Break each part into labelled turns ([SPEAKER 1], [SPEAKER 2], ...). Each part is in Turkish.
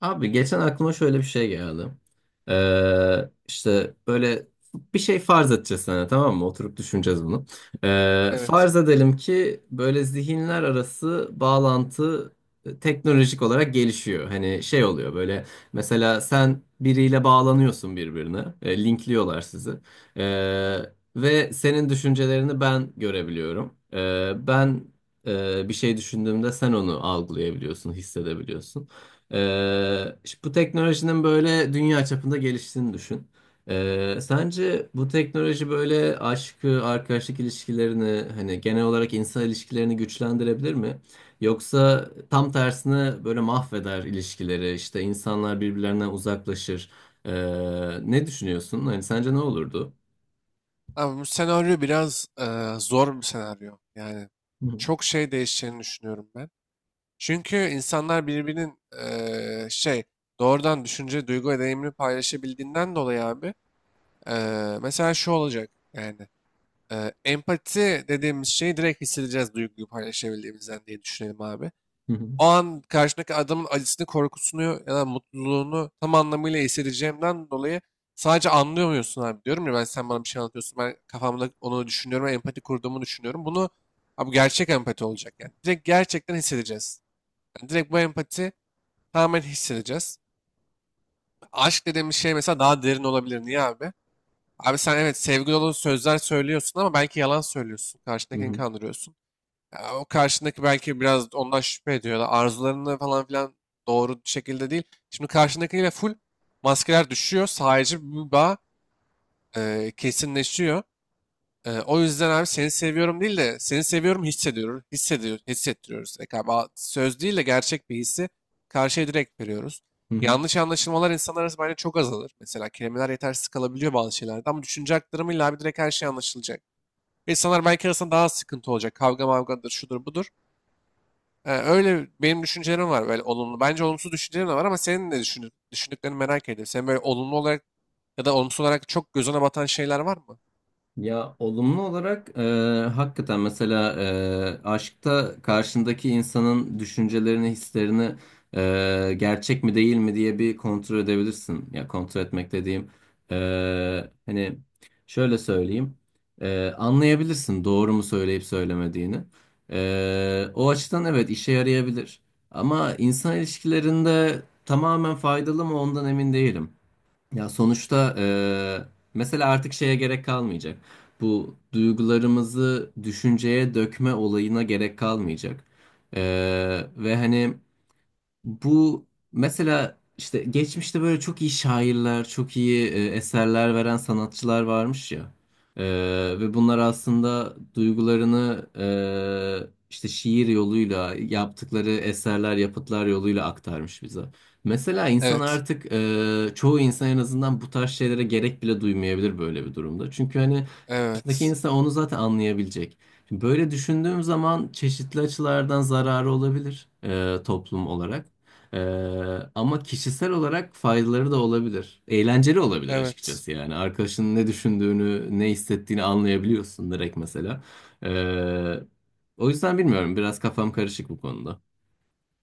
[SPEAKER 1] Abi geçen aklıma şöyle bir şey geldi. İşte böyle bir şey farz edeceğiz sana tamam mı? Oturup düşüneceğiz bunu.
[SPEAKER 2] Evet.
[SPEAKER 1] Farz edelim ki böyle zihinler arası bağlantı teknolojik olarak gelişiyor. Hani şey oluyor böyle mesela sen biriyle bağlanıyorsun birbirine. Linkliyorlar sizi. Ee, Ve senin düşüncelerini ben görebiliyorum. Ben bir şey düşündüğümde sen onu algılayabiliyorsun, hissedebiliyorsun. İşte bu teknolojinin böyle dünya çapında geliştiğini düşün. Sence bu teknoloji böyle aşkı, arkadaşlık ilişkilerini, hani genel olarak insan ilişkilerini güçlendirebilir mi? Yoksa tam tersine böyle mahveder ilişkileri, işte insanlar birbirlerinden uzaklaşır. Ee, Ne düşünüyorsun? Hani sence ne olurdu?
[SPEAKER 2] Ama bu senaryo biraz zor bir senaryo. Yani
[SPEAKER 1] Hı hı,
[SPEAKER 2] çok şey değişeceğini düşünüyorum ben. Çünkü insanlar birbirinin doğrudan düşünce, duygu ve deneyimini paylaşabildiğinden dolayı abi mesela şu olacak yani. Empati dediğimiz şeyi direkt hissedeceğiz, duyguyu paylaşabildiğimizden diye düşünelim abi.
[SPEAKER 1] hı hı,
[SPEAKER 2] O an karşındaki adamın acısını, korkusunu ya da mutluluğunu tam anlamıyla hissedeceğimden dolayı sadece anlıyor muyorsun abi, diyorum ya, ben sen bana bir şey anlatıyorsun, ben kafamda onu düşünüyorum, empati kurduğumu düşünüyorum. Bunu abi, gerçek empati olacak yani. Direkt gerçekten hissedeceğiz. Yani direkt bu empati tamamen hissedeceğiz. Aşk dediğimiz şey mesela daha derin olabilir. Niye abi? Abi sen evet sevgi dolu sözler söylüyorsun ama belki yalan söylüyorsun.
[SPEAKER 1] hı
[SPEAKER 2] Karşındakini
[SPEAKER 1] hı,
[SPEAKER 2] kandırıyorsun. Ya o karşındaki belki biraz ondan şüphe ediyor da arzularını falan filan doğru bir şekilde değil. Şimdi karşındakiyle full maskeler düşüyor. Sadece bir bağ kesinleşiyor. O yüzden abi seni seviyorum değil de seni seviyorum hissediyoruz. Hissediyor, hissettiriyoruz. Galiba söz değil de gerçek bir hissi karşıya direkt veriyoruz. Yanlış anlaşılmalar insanlar arasında bence çok azalır. Mesela kelimeler yetersiz kalabiliyor bazı şeylerde ama düşünce aktarımıyla abi direkt her şey anlaşılacak. İnsanlar belki arasında daha az sıkıntı olacak. Kavga mavgadır, şudur budur. Öyle benim düşüncelerim var, böyle olumlu. Bence olumsuz düşüncelerim de var ama senin de düşündüklerini merak ediyorum. Senin böyle olumlu olarak ya da olumsuz olarak çok gözüne batan şeyler var mı?
[SPEAKER 1] ya olumlu olarak hakikaten mesela aşkta karşındaki insanın düşüncelerini, hislerini gerçek mi değil mi diye bir kontrol edebilirsin. Ya kontrol etmek dediğim e, hani şöyle söyleyeyim, anlayabilirsin doğru mu söyleyip söylemediğini. O açıdan evet işe yarayabilir. Ama insan ilişkilerinde tamamen faydalı mı ondan emin değilim. Ya sonuçta mesela artık şeye gerek kalmayacak. Bu duygularımızı düşünceye dökme olayına gerek kalmayacak. Ve hani bu mesela işte geçmişte böyle çok iyi şairler, çok iyi eserler veren sanatçılar varmış ya. E, Ve bunlar aslında duygularını işte şiir yoluyla yaptıkları eserler, yapıtlar yoluyla aktarmış bize. Mesela insan
[SPEAKER 2] Evet.
[SPEAKER 1] artık çoğu insan en azından bu tarz şeylere gerek bile duymayabilir böyle bir durumda. Çünkü hani karşıdaki
[SPEAKER 2] Evet.
[SPEAKER 1] insan onu zaten anlayabilecek. Şimdi böyle düşündüğüm zaman çeşitli açılardan zararı olabilir toplum olarak. Ama kişisel olarak faydaları da olabilir. Eğlenceli olabilir
[SPEAKER 2] Evet.
[SPEAKER 1] açıkçası yani. Arkadaşının ne düşündüğünü, ne hissettiğini anlayabiliyorsun direkt mesela. Ee, O yüzden bilmiyorum. Biraz kafam karışık bu konuda.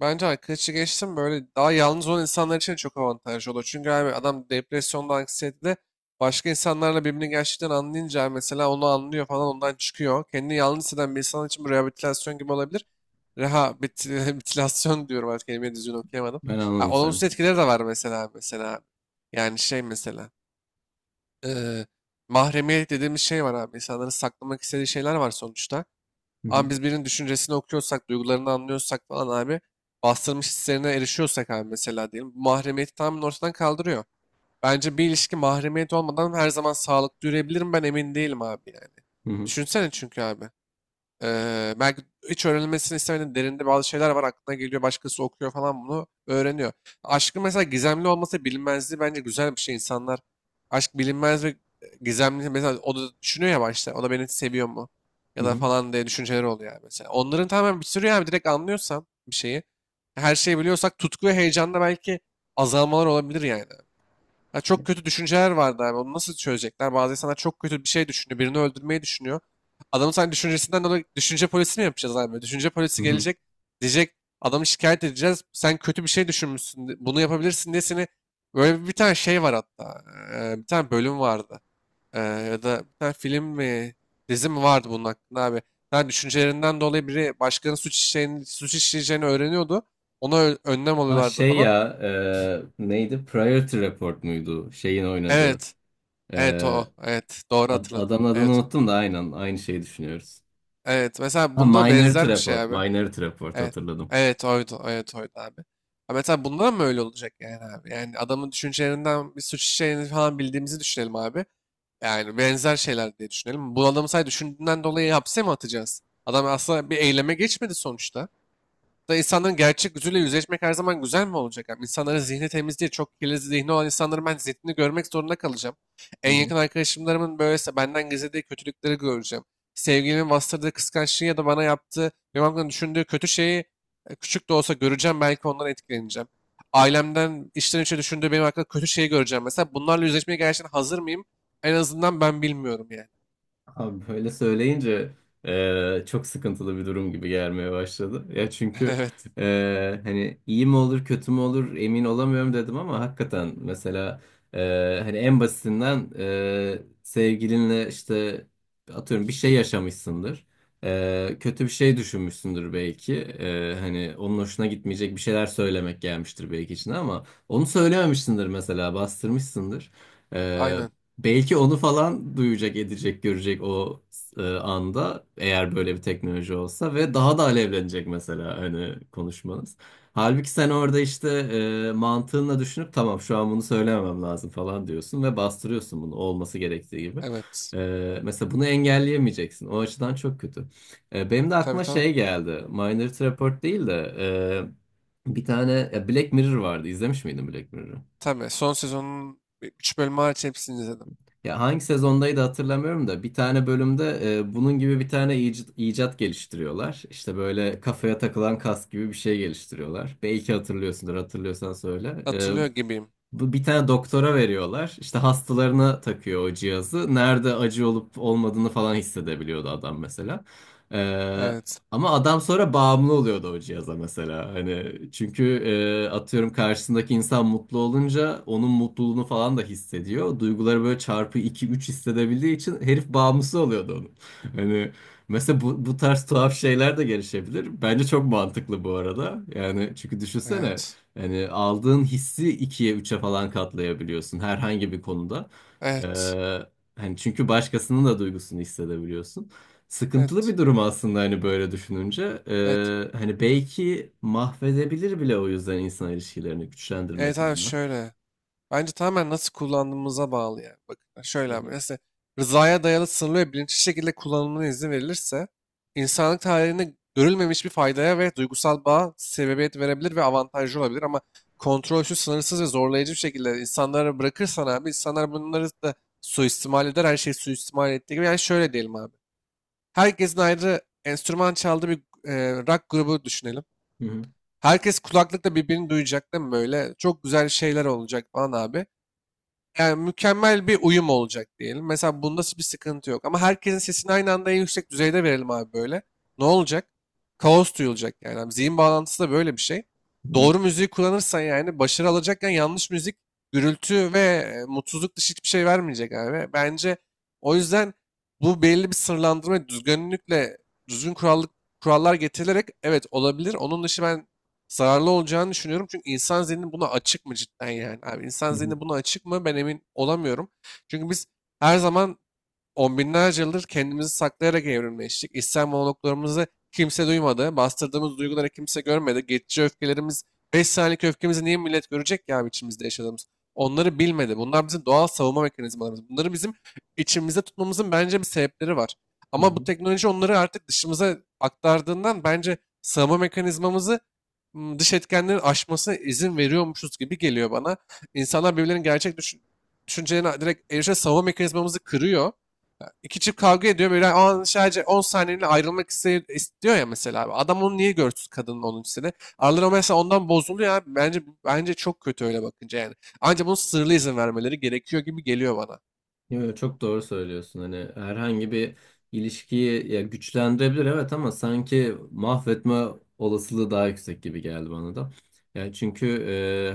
[SPEAKER 2] Bence arkadaşı geçtim, böyle daha yalnız olan insanlar için çok avantajlı olur. Çünkü abi adam depresyonda, anksiyetede, başka insanlarla birbirini gerçekten anlayınca mesela onu anlıyor falan, ondan çıkıyor. Kendini yalnız hisseden bir insan için bu rehabilitasyon gibi olabilir. Rehabilitasyon diyorum, artık kelimeyi düzgün okuyamadım.
[SPEAKER 1] Ben
[SPEAKER 2] Ha,
[SPEAKER 1] anladım seni.
[SPEAKER 2] olumsuz etkileri de var mesela mesela. Yani şey mesela eee mahremiyet dediğimiz şey var abi. İnsanların saklamak istediği şeyler var sonuçta.
[SPEAKER 1] Hı hı,
[SPEAKER 2] Ama biz birinin düşüncesini okuyorsak, duygularını anlıyorsak falan abi, bastırmış hislerine erişiyorsak abi mesela diyelim. Bu mahremiyeti tamamen ortadan kaldırıyor. Bence bir ilişki mahremiyet olmadan her zaman sağlıklı yürüyebilir mi, ben emin değilim abi yani.
[SPEAKER 1] hı hı,
[SPEAKER 2] Düşünsene çünkü abi. Belki hiç öğrenilmesini istemediğin derinde bazı şeyler var, aklına geliyor. Başkası okuyor falan, bunu öğreniyor. Aşkın mesela gizemli olması, bilinmezliği bence güzel bir şey. İnsanlar aşk bilinmez ve gizemli, mesela o da düşünüyor ya başta. O da beni seviyor mu?
[SPEAKER 1] hı
[SPEAKER 2] Ya da
[SPEAKER 1] hı,
[SPEAKER 2] falan diye düşünceleri oluyor yani mesela. Onların tamamen bir sürü yani direkt anlıyorsan bir şeyi. Her şeyi biliyorsak tutku ve heyecanda belki azalmalar olabilir yani. Ya çok kötü düşünceler vardı abi. Onu nasıl çözecekler? Bazı insanlar çok kötü bir şey düşünüyor. Birini öldürmeyi düşünüyor. Adamın sen düşüncesinden dolayı düşünce polisi mi yapacağız abi? Düşünce
[SPEAKER 1] hı
[SPEAKER 2] polisi
[SPEAKER 1] hı.
[SPEAKER 2] gelecek. Diyecek adamı şikayet edeceğiz. Sen kötü bir şey düşünmüşsün. Bunu yapabilirsin diye seni böyle, bir tane şey var hatta. Bir tane bölüm vardı. Ya da bir tane film mi, dizi mi vardı bunun hakkında abi. Yani düşüncelerinden dolayı biri başkanın suç işleyeceğini öğreniyordu. Ona önlem
[SPEAKER 1] Ha
[SPEAKER 2] alıyorlardı
[SPEAKER 1] şey
[SPEAKER 2] falan.
[SPEAKER 1] ya, neydi? Priority Report muydu? Şeyin oynadığı.
[SPEAKER 2] Evet.
[SPEAKER 1] E,
[SPEAKER 2] Evet o. O. Evet. Doğru
[SPEAKER 1] ad-
[SPEAKER 2] hatırladın.
[SPEAKER 1] adamın adını
[SPEAKER 2] Evet o.
[SPEAKER 1] unuttum da aynen aynı şeyi düşünüyoruz.
[SPEAKER 2] Evet. Mesela
[SPEAKER 1] Ha,
[SPEAKER 2] bunda
[SPEAKER 1] Minority
[SPEAKER 2] benzer bir şey
[SPEAKER 1] Report.
[SPEAKER 2] abi.
[SPEAKER 1] Minority Report
[SPEAKER 2] Evet.
[SPEAKER 1] hatırladım.
[SPEAKER 2] Evet oydu. Evet oydu abi. Ha, mesela bunda mı öyle olacak yani abi? Yani adamın düşüncelerinden bir suç işlediğini falan bildiğimizi düşünelim abi. Yani benzer şeyler diye düşünelim. Bu adamı sadece düşündüğünden dolayı hapse mi atacağız? Adam aslında bir eyleme geçmedi sonuçta. Da insanların gerçek yüzüyle yüzleşmek her zaman güzel mi olacak abi? İnsanların zihni temiz değil. Çok kirli zihni olan insanların ben zihnini görmek zorunda kalacağım. En yakın arkadaşımlarımın böylese benden gizlediği kötülükleri göreceğim. Sevgilimin bastırdığı kıskançlığı ya da bana yaptığı, benim hakkımda düşündüğü kötü şeyi küçük de olsa göreceğim. Belki ondan etkileneceğim. Ailemden içten içe düşündüğü benim hakkında kötü şeyi göreceğim. Mesela bunlarla yüzleşmeye gerçekten hazır mıyım? En azından ben bilmiyorum yani.
[SPEAKER 1] Abi böyle söyleyince çok sıkıntılı bir durum gibi gelmeye başladı. Ya çünkü
[SPEAKER 2] Evet.
[SPEAKER 1] hani iyi mi olur kötü mü olur emin olamıyorum dedim ama hakikaten mesela e, hani en basitinden sevgilinle işte atıyorum bir şey yaşamışsındır. Kötü bir şey düşünmüşsündür belki. Hani onun hoşuna gitmeyecek bir şeyler söylemek gelmiştir belki içine ama onu söylememişsindir mesela bastırmışsındır.
[SPEAKER 2] Aynen.
[SPEAKER 1] Belki onu falan duyacak, edecek, görecek o anda eğer böyle bir teknoloji olsa ve daha da alevlenecek mesela hani konuşmanız. Halbuki sen orada işte mantığınla düşünüp tamam şu an bunu söylememem lazım falan diyorsun ve bastırıyorsun bunu olması gerektiği gibi.
[SPEAKER 2] Evet.
[SPEAKER 1] Mesela bunu engelleyemeyeceksin. O açıdan çok kötü. Benim de
[SPEAKER 2] Tabii
[SPEAKER 1] aklıma
[SPEAKER 2] tabii.
[SPEAKER 1] şey geldi. Minority Report değil de bir tane ya Black Mirror vardı. İzlemiş miydin Black Mirror'ı?
[SPEAKER 2] Tabii son sezonun 3 bölümü hariç hepsini izledim.
[SPEAKER 1] Ya hangi sezondaydı hatırlamıyorum da bir tane bölümde bunun gibi bir tane icat geliştiriyorlar. İşte böyle kafaya takılan kask gibi bir şey geliştiriyorlar. Belki hatırlıyorsundur, hatırlıyorsan söyle.
[SPEAKER 2] Hatırlıyor gibiyim.
[SPEAKER 1] Bu bir tane doktora veriyorlar. İşte hastalarına takıyor o cihazı. Nerede acı olup olmadığını falan hissedebiliyordu adam mesela. Ee,
[SPEAKER 2] Evet.
[SPEAKER 1] Ama adam sonra bağımlı oluyordu o cihaza mesela. Hani çünkü atıyorum karşısındaki insan mutlu olunca onun mutluluğunu falan da hissediyor. Duyguları böyle çarpı iki üç hissedebildiği için herif bağımlısı oluyordu onun. Hani mesela bu tarz tuhaf şeyler de gelişebilir. Bence çok mantıklı bu arada. Yani çünkü düşünsene.
[SPEAKER 2] Evet.
[SPEAKER 1] Yani aldığın hissi ikiye, üçe falan katlayabiliyorsun herhangi bir konuda.
[SPEAKER 2] Evet.
[SPEAKER 1] Ee, Hani çünkü başkasının da duygusunu hissedebiliyorsun. Sıkıntılı
[SPEAKER 2] Evet.
[SPEAKER 1] bir durum aslında hani böyle düşününce.
[SPEAKER 2] Evet.
[SPEAKER 1] Hani belki mahvedebilir bile o yüzden insan ilişkilerini
[SPEAKER 2] Evet
[SPEAKER 1] güçlendirmek
[SPEAKER 2] abi,
[SPEAKER 1] yerine.
[SPEAKER 2] şöyle. Bence tamamen nasıl kullandığımıza bağlı yani. Bakın
[SPEAKER 1] Hı
[SPEAKER 2] şöyle abi.
[SPEAKER 1] hı.
[SPEAKER 2] Mesela rızaya dayalı, sınırlı ve bilinçli şekilde kullanımına izin verilirse, insanlık tarihinde görülmemiş bir faydaya ve duygusal bağa sebebiyet verebilir ve avantajlı olabilir. Ama kontrolsüz, sınırsız ve zorlayıcı bir şekilde insanlara bırakırsan abi, insanlar bunları da suistimal eder. Her şeyi suistimal ettiği gibi. Yani şöyle diyelim abi. Herkesin ayrı enstrüman çaldığı bir e, rock grubu düşünelim.
[SPEAKER 1] Hı hı.
[SPEAKER 2] Herkes kulaklıkla birbirini duyacak değil mi böyle? Çok güzel şeyler olacak falan abi. Yani mükemmel bir uyum olacak diyelim. Mesela bunda bir sıkıntı yok. Ama herkesin sesini aynı anda en yüksek düzeyde verelim abi böyle. Ne olacak? Kaos duyulacak yani. Abi, zihin bağlantısı da böyle bir şey.
[SPEAKER 1] Hı
[SPEAKER 2] Doğru müziği kullanırsan yani başarı alacakken, yanlış müzik gürültü ve mutsuzluk dışı hiçbir şey vermeyecek abi. Bence o yüzden bu belli bir sınırlandırma düzgünlükle, düzgün kurallık kurallar getirilerek evet olabilir. Onun dışı ben zararlı olacağını düşünüyorum. Çünkü insan zihni buna açık mı cidden yani? Abi insan
[SPEAKER 1] hı.
[SPEAKER 2] zihni buna açık mı? Ben emin olamıyorum. Çünkü biz her zaman 10 binlerce yıldır kendimizi saklayarak evrimleştik. İçsel monologlarımızı kimse duymadı. Bastırdığımız duyguları kimse görmedi. Geçici öfkelerimiz, 5 saniyelik öfkemizi niye millet görecek ki abi, içimizde yaşadığımız? Onları bilmedi. Bunlar bizim doğal savunma mekanizmalarımız. Bunları bizim içimizde tutmamızın bence bir sebepleri var.
[SPEAKER 1] Hı
[SPEAKER 2] Ama bu
[SPEAKER 1] hı.
[SPEAKER 2] teknoloji onları artık dışımıza aktardığından bence savunma mekanizmamızı dış etkenlerin aşmasına izin veriyormuşuz gibi geliyor bana. İnsanlar birbirlerinin gerçek düşüncelerine direkt erişe savunma mekanizmamızı kırıyor. İki çift kavga ediyor böyle, an sadece 10 saniyeliğine ayrılmak istiyor ya mesela abi. Adam onu niye görsün kadının 10. sene? Araları mesela ondan bozuluyor abi. Bence bence çok kötü öyle bakınca yani. Ancak bunun sırlı izin vermeleri gerekiyor gibi geliyor bana.
[SPEAKER 1] Yo, yo, çok doğru söylüyorsun. Hani herhangi bir ilişkiyi ya güçlendirebilir evet ama sanki mahvetme olasılığı daha yüksek gibi geldi bana da. Yani çünkü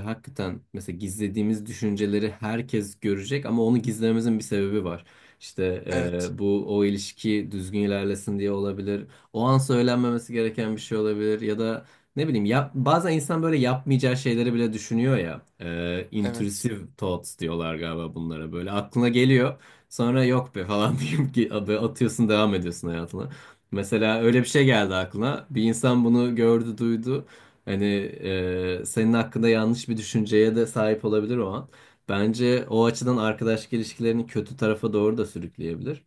[SPEAKER 1] hakikaten mesela gizlediğimiz düşünceleri herkes görecek ama onu gizlememizin bir sebebi var. İşte
[SPEAKER 2] Evet,
[SPEAKER 1] bu o ilişki düzgün ilerlesin diye olabilir. O an söylenmemesi gereken bir şey olabilir ya da ne bileyim ya bazen insan böyle yapmayacağı şeyleri bile düşünüyor ya.
[SPEAKER 2] evet,
[SPEAKER 1] Intrusive thoughts diyorlar galiba bunlara böyle. Aklına geliyor sonra yok be falan deyip ki adı atıyorsun devam ediyorsun hayatına. Mesela öyle bir şey geldi aklına. Bir insan bunu gördü duydu. Hani senin hakkında yanlış bir düşünceye de sahip olabilir o an. Bence o açıdan arkadaşlık ilişkilerini kötü tarafa doğru da sürükleyebilir.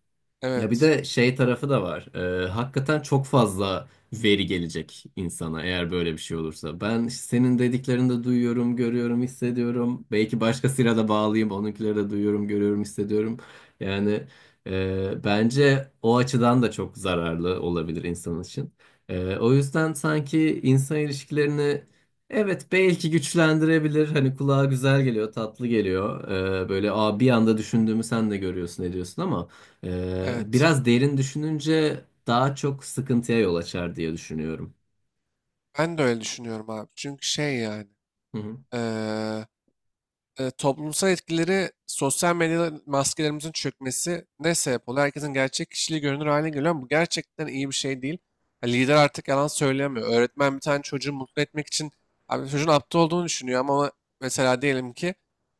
[SPEAKER 1] Ya bir
[SPEAKER 2] evet,
[SPEAKER 1] de şey tarafı da var. Hakikaten çok fazla veri gelecek insana eğer böyle bir şey olursa. Ben senin dediklerini de duyuyorum, görüyorum, hissediyorum. Belki başkasıyla da bağlıyım. Onunkileri de duyuyorum, görüyorum, hissediyorum. Yani bence o açıdan da çok zararlı olabilir insan için. O yüzden sanki insan ilişkilerini, evet, belki güçlendirebilir. Hani kulağa güzel geliyor, tatlı geliyor. Böyle aa, bir anda düşündüğümü sen de görüyorsun, ediyorsun ama
[SPEAKER 2] evet.
[SPEAKER 1] biraz derin düşününce daha çok sıkıntıya yol açar diye düşünüyorum.
[SPEAKER 2] Ben de öyle düşünüyorum abi. Çünkü şey yani.
[SPEAKER 1] Hı hı.
[SPEAKER 2] eee Toplumsal etkileri, sosyal medya maskelerimizin çökmesi ne sebep oluyor? Herkesin gerçek kişiliği görünür hale geliyor ama bu gerçekten iyi bir şey değil. Ya lider artık yalan söyleyemiyor. Öğretmen bir tane çocuğu mutlu etmek için abi, çocuğun aptal olduğunu düşünüyor ama mesela diyelim ki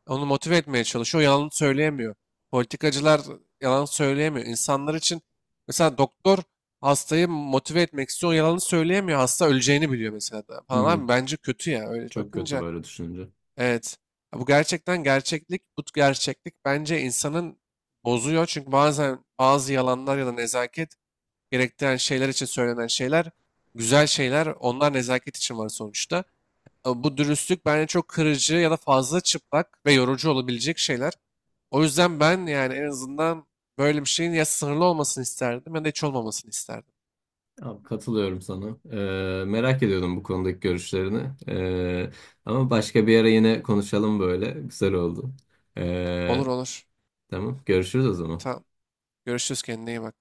[SPEAKER 2] onu motive etmeye çalışıyor. O yalan söyleyemiyor. Politikacılar yalan söyleyemiyor. İnsanlar için mesela doktor hastayı motive etmek istiyor. O yalanı söyleyemiyor. Hasta öleceğini biliyor mesela da
[SPEAKER 1] Hı
[SPEAKER 2] falan
[SPEAKER 1] hı.
[SPEAKER 2] abi, bence kötü ya. Öyle
[SPEAKER 1] Çok kötü
[SPEAKER 2] bakınca
[SPEAKER 1] böyle düşününce.
[SPEAKER 2] evet. Ya bu gerçekten gerçeklik, bu gerçeklik bence insanın bozuyor. Çünkü bazen bazı yalanlar ya da nezaket gerektiren şeyler için söylenen şeyler, güzel şeyler, onlar nezaket için var sonuçta. Ama bu dürüstlük bence çok kırıcı ya da fazla çıplak ve yorucu olabilecek şeyler. O yüzden ben yani en azından böyle bir şeyin ya sınırlı olmasını isterdim ya da hiç olmamasını isterdim.
[SPEAKER 1] Abi, katılıyorum sana. Merak ediyordum bu konudaki görüşlerini. Ama başka bir ara yine konuşalım böyle. Güzel oldu.
[SPEAKER 2] Olur
[SPEAKER 1] Ee,
[SPEAKER 2] olur.
[SPEAKER 1] tamam, görüşürüz o zaman.
[SPEAKER 2] Tamam. Görüşürüz, kendine iyi bak.